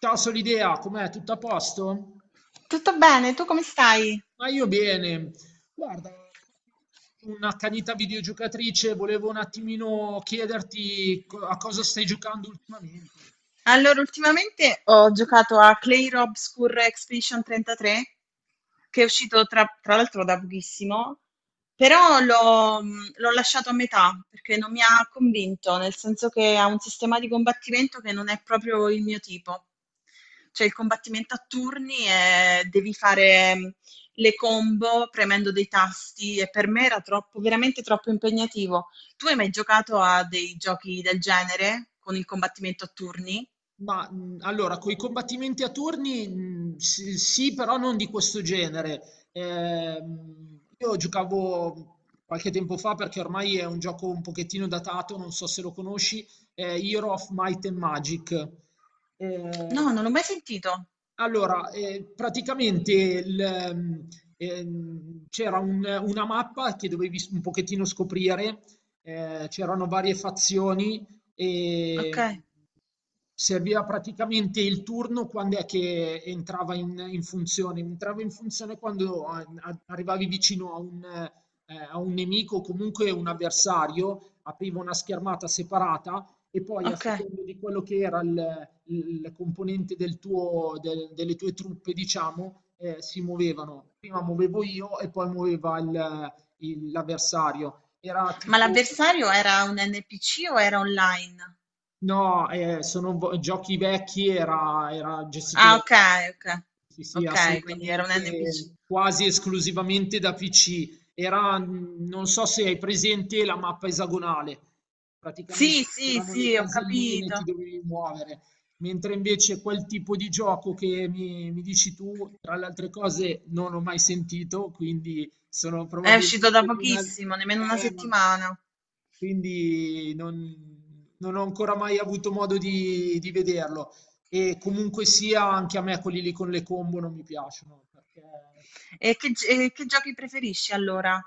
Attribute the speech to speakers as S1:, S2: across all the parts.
S1: Ciao Solidea, com'è? Tutto a posto?
S2: Tutto bene, tu come stai?
S1: Ma io bene. Guarda, un'accanita videogiocatrice, volevo un attimino chiederti a cosa stai giocando ultimamente.
S2: Allora, ultimamente ho giocato a Clay Obscure Expedition 33, che è uscito tra l'altro da pochissimo, però l'ho lasciato a metà perché non mi ha convinto, nel senso che ha un sistema di combattimento che non è proprio il mio tipo. Cioè il combattimento a turni e devi fare le combo premendo dei tasti e per me era troppo, veramente troppo impegnativo. Tu hai mai giocato a dei giochi del genere con il combattimento a turni?
S1: Ma allora, con i combattimenti a turni, sì, sì, però non di questo genere. Io giocavo qualche tempo fa perché ormai è un gioco un pochettino datato, non so se lo conosci, Hero of Might and Magic.
S2: No,
S1: Eh,
S2: non l'ho mai sentito.
S1: Praticamente c'era una mappa che dovevi un pochettino scoprire, c'erano varie fazioni e
S2: Okay,
S1: serviva praticamente il turno quando è che entrava in funzione. Entrava in funzione quando arrivavi vicino a un nemico o comunque un avversario, apriva una schermata separata e poi a
S2: okay.
S1: seconda di quello che era il componente del delle tue truppe, diciamo, si muovevano. Prima muovevo io e poi muoveva l'avversario. Era
S2: Ma
S1: tipo
S2: l'avversario era un NPC o era online?
S1: no, sono giochi vecchi, era, era gestito
S2: Ah,
S1: da
S2: okay, okay.
S1: sì, sì,
S2: Okay, quindi era un NPC.
S1: assolutamente, quasi esclusivamente da PC. Era, non so se hai presente la mappa esagonale,
S2: Sì,
S1: praticamente
S2: sì,
S1: erano le
S2: sì, ho
S1: caselline,
S2: capito.
S1: ti dovevi muovere. Mentre invece quel tipo di gioco che mi dici tu, tra le altre cose, non ho mai sentito, quindi sono
S2: È uscito da
S1: probabilmente di una...
S2: pochissimo, nemmeno una settimana.
S1: quindi non ho ancora mai avuto modo di vederlo. E comunque sia, anche a me quelli lì con le combo non mi piacciono. Perché...
S2: E che g e che giochi preferisci allora?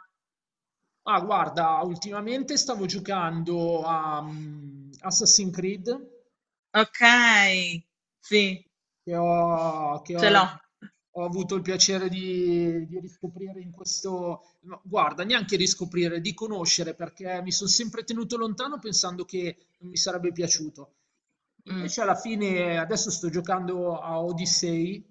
S1: ah, guarda, ultimamente stavo giocando a Assassin's Creed,
S2: Okay, sì,
S1: che ho, che
S2: ce
S1: ho-
S2: l'ho.
S1: ho avuto il piacere di riscoprire in questo... no, guarda, neanche riscoprire, di conoscere, perché mi sono sempre tenuto lontano pensando che non mi sarebbe piaciuto.
S2: Mh.
S1: Invece alla fine, adesso sto giocando a Odyssey,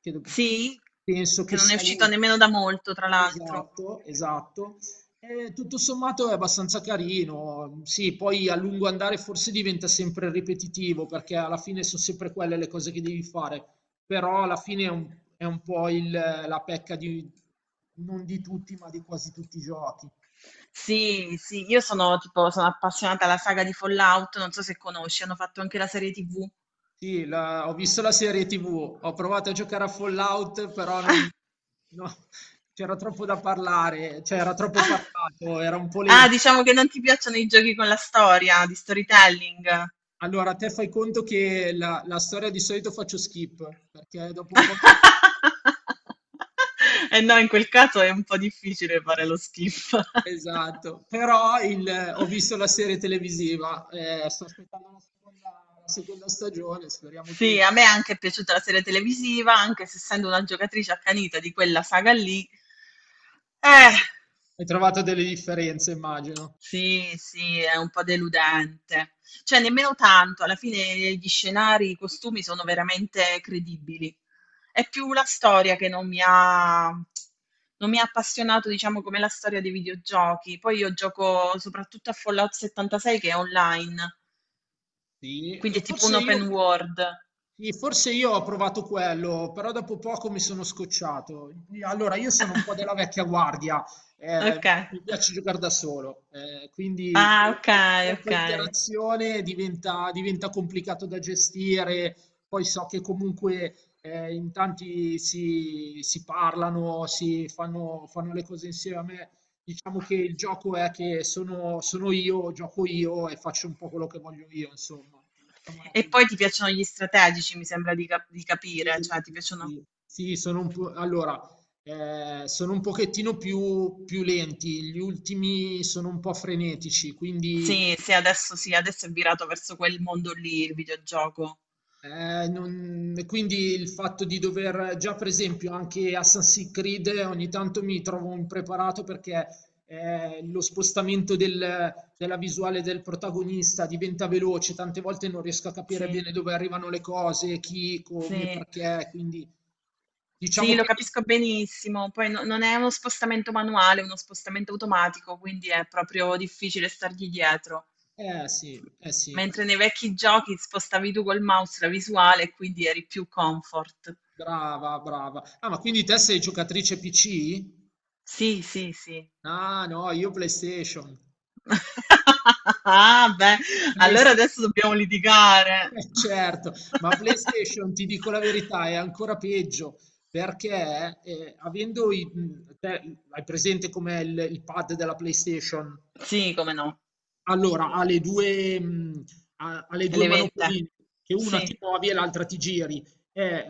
S1: che
S2: Sì?
S1: penso che
S2: Che non è
S1: sia
S2: uscito
S1: l'ultimo.
S2: nemmeno da molto, tra l'altro.
S1: Esatto, esatto. E tutto sommato è abbastanza carino. Sì, poi a lungo andare forse diventa sempre ripetitivo, perché alla fine sono sempre quelle le cose che devi fare. Però alla fine è un po' la pecca di, non di tutti, ma di quasi tutti i giochi.
S2: Sì, sì, io sono tipo, sono appassionata alla saga di Fallout, non so se conosci, hanno fatto anche la serie TV.
S1: Sì, ho visto la serie TV, ho provato a giocare a Fallout, però non, no, c'era troppo da parlare, cioè era troppo
S2: Ah,
S1: parlato, era un po'
S2: ah,
S1: lento.
S2: diciamo che non ti piacciono i giochi con la storia, di storytelling.
S1: Allora, te fai conto che la storia di solito faccio skip, perché dopo un po'... mi-
S2: E no, in quel caso è un po' difficile fare lo skip.
S1: Esatto, però ho visto la serie televisiva, sto aspettando la seconda stagione, speriamo
S2: Sì,
S1: che...
S2: a me anche è piaciuta la serie televisiva, anche se essendo una giocatrice accanita di quella saga lì. Eh.
S1: Hai trovato delle differenze, immagino.
S2: Sì, sì, è un po' deludente. Cioè, nemmeno tanto, alla fine gli scenari, i costumi sono veramente credibili. È più la storia che non mi ha appassionato, diciamo, come la storia dei videogiochi. Poi io gioco soprattutto a Fallout 76 che è online,
S1: Sì,
S2: quindi
S1: e
S2: è tipo un
S1: forse
S2: open
S1: io,
S2: world.
S1: sì, forse io ho provato quello, però dopo poco mi sono scocciato. Allora, io sono un po' della vecchia guardia, eh,
S2: Ok.
S1: mi piace giocare da solo, quindi
S2: Ah,
S1: quello
S2: ok,
S1: che
S2: ok.
S1: troppa interazione diventa, diventa complicato da gestire. Poi so che comunque in tanti si parlano, si fanno, fanno le cose insieme. Diciamo che il gioco è che sono io, gioco io e faccio un po' quello che voglio io, insomma. Mettiamola
S2: E
S1: così.
S2: poi ti piacciono gli strategici, mi sembra di, di capire, cioè
S1: Sì,
S2: ti
S1: sì,
S2: piacciono.
S1: sì. Sì, sono un pochettino più lenti, gli ultimi sono un po' frenetici, quindi
S2: Sì, sì, adesso è virato verso quel mondo lì il videogioco.
S1: E quindi il fatto di dover già, per esempio, anche Assassin's Creed ogni tanto mi trovo impreparato perché lo spostamento della visuale del protagonista diventa veloce, tante volte non riesco a capire
S2: Sì,
S1: bene dove arrivano le cose, chi, come,
S2: sì,
S1: perché. Quindi
S2: sì,
S1: diciamo
S2: lo
S1: che.
S2: capisco benissimo. Poi non è uno spostamento manuale, è uno spostamento automatico, quindi è proprio difficile stargli dietro.
S1: Sì, eh sì,
S2: Mentre nei vecchi giochi spostavi tu col mouse la visuale e quindi eri più comfort.
S1: brava, brava. Ah, ma quindi te sei giocatrice PC?
S2: Sì, sì, sì.
S1: Ah, no, io PlayStation.
S2: Ah, beh, allora adesso dobbiamo litigare.
S1: Certo, ma PlayStation ti dico la verità, è ancora peggio perché avendo hai presente com'è il pad della PlayStation?
S2: Sì, come no,
S1: Allora, ha le due, mhmm, ha le 2
S2: le vette.
S1: manopoline, che una
S2: Sì,
S1: ti muovi e l'altra ti giri. Eh,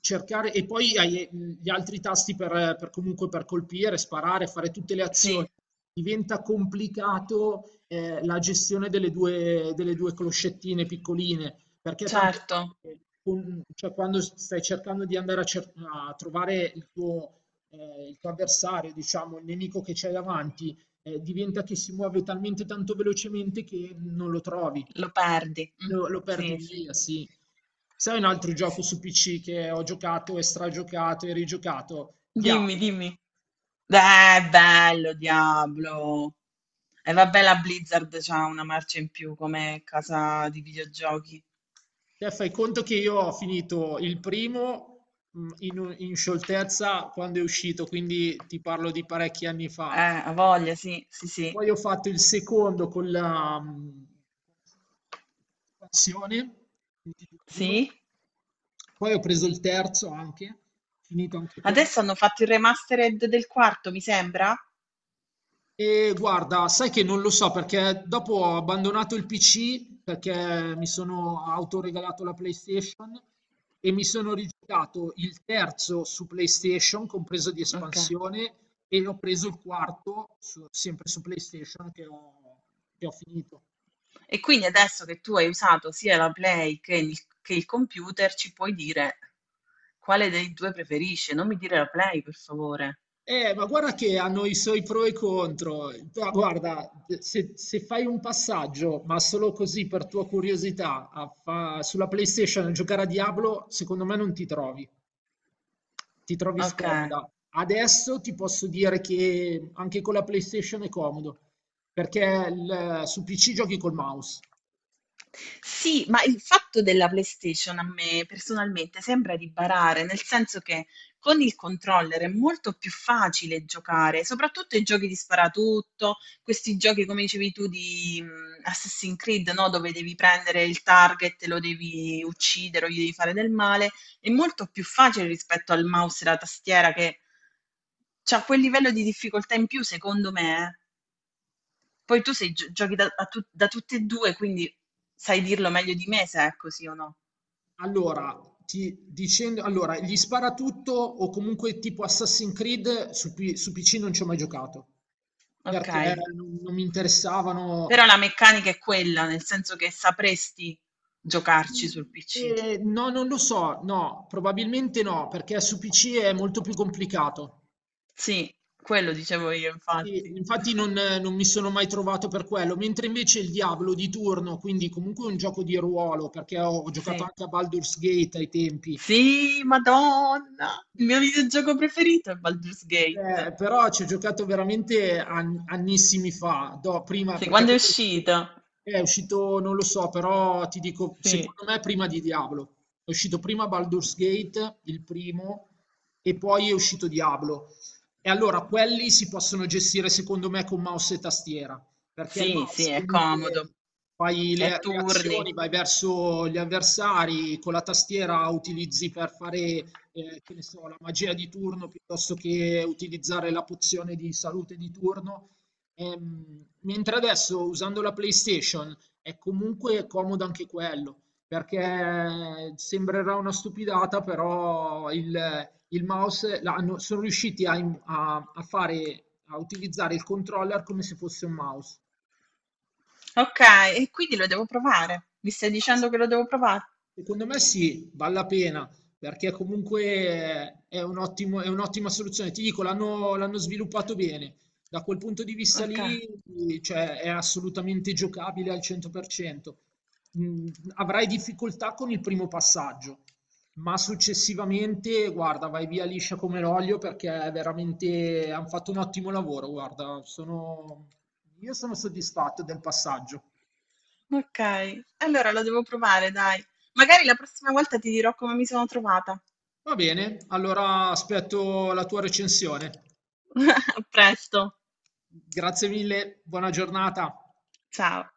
S1: cercare e poi hai, gli altri tasti per comunque per colpire, sparare, fare tutte le azioni.
S2: sì,
S1: Diventa complicato, la gestione delle 2 closcettine piccoline, perché tante
S2: certo,
S1: volte con cioè quando s stai cercando di andare a cer a trovare il tuo avversario, diciamo, il nemico che c'hai davanti, diventa che si muove talmente tanto velocemente che non lo trovi,
S2: lo perdi. Mm,
S1: lo perdi
S2: sì, sì,
S1: via, sì. Sai un altro gioco
S2: sì.
S1: su PC che ho giocato e stragiocato e rigiocato?
S2: Dimmi,
S1: Diablo.
S2: dimmi. Bello, Diablo. E vabbè, la Blizzard c'ha una marcia in più come casa di videogiochi.
S1: Te fai conto che io ho finito il primo in scioltezza quando è uscito, quindi ti parlo di parecchi anni
S2: Eh,
S1: fa.
S2: ha voglia, sì, sì, sì.
S1: Poi ho fatto il secondo con la espansione, quindi tutti e due.
S2: Sì?
S1: Poi ho preso il terzo anche, finito anche
S2: Adesso
S1: quello.
S2: hanno fatto il remastered del quarto, mi sembra?
S1: E guarda, sai che non lo so perché dopo ho abbandonato il PC perché mi sono autoregalato la PlayStation e mi sono rigiocato il terzo su PlayStation, compreso di
S2: Ok.
S1: espansione, e ho preso il quarto sempre su PlayStation che ho finito.
S2: E quindi adesso che tu hai usato sia la Play che il computer, ci puoi dire quale dei due preferisci. Non mi dire la Play, per favore.
S1: Ma guarda che hanno i suoi pro e contro. Ma guarda, se fai un passaggio, ma solo così per tua curiosità, a sulla PlayStation a giocare a Diablo, secondo me non ti trovi. Ti trovi
S2: Ok.
S1: scomoda. Adesso ti posso dire che anche con la PlayStation è comodo, perché su PC giochi col mouse.
S2: Sì, ma il fatto della PlayStation a me personalmente sembra di barare, nel senso che con il controller è molto più facile giocare, soprattutto i giochi di sparatutto, questi giochi come dicevi tu di Assassin's Creed, no? Dove devi prendere il target, lo devi uccidere o gli devi fare del male, è molto più facile rispetto al mouse e alla tastiera che ha quel livello di difficoltà in più, secondo me. Eh. Poi tu sei gio giochi da a tu da tutte e 2, quindi sai dirlo meglio di me se è così o no.
S1: Allora, gli sparatutto o comunque tipo Assassin's Creed su PC non ci ho mai giocato, perché
S2: Okay.
S1: non mi
S2: Però
S1: interessavano.
S2: la meccanica è quella, nel senso che sapresti giocarci sul PC.
S1: No, non lo so, no, probabilmente no, perché su PC è molto più complicato.
S2: Sì, quello dicevo io
S1: Sì,
S2: infatti.
S1: infatti non, non mi sono mai trovato per quello, mentre invece il Diablo di turno, quindi comunque un gioco di ruolo, perché ho giocato
S2: Sì.
S1: anche a Baldur's Gate ai tempi.
S2: Sì, madonna! Il mio videogioco preferito è Baldur's Gate.
S1: Però ci ho giocato veramente annissimi fa, prima
S2: Sì,
S1: perché
S2: quando è
S1: quello
S2: uscito.
S1: è uscito, non lo so, però ti dico,
S2: Sì.
S1: secondo me prima di Diablo. È uscito prima Baldur's Gate, il primo, e poi è uscito Diablo. E allora quelli si possono gestire secondo me con mouse e tastiera, perché il
S2: Sì, sì,
S1: mouse
S2: è
S1: comunque
S2: comodo.
S1: fai
S2: È a
S1: le
S2: turni.
S1: azioni, vai verso gli avversari, con la tastiera utilizzi per fare che ne so, la magia di turno piuttosto che utilizzare la pozione di salute di turno. Mentre adesso usando la PlayStation è comunque comodo anche quello, perché sembrerà una stupidata, però il mouse sono riusciti a, a fare, a utilizzare il controller come se fosse un mouse.
S2: Okay, e quindi lo devo provare. Mi stai dicendo
S1: Basta.
S2: che lo devo provare?
S1: Secondo me sì, vale la pena, perché comunque è un è un'ottima soluzione. Ti dico, l'hanno sviluppato bene. Da quel punto di vista
S2: Oka
S1: lì, cioè, è assolutamente giocabile al 100%. Mm, avrai difficoltà con il primo passaggio, ma successivamente, guarda, vai via liscia come l'olio perché è veramente hanno fatto un ottimo lavoro. Guarda, sono... io sono soddisfatto del passaggio.
S2: Okay, allora lo devo provare dai. Magari la prossima volta ti dirò come mi sono trovata.
S1: Va bene, allora aspetto la tua recensione.
S2: A presto,
S1: Grazie mille, buona giornata.
S2: ciao.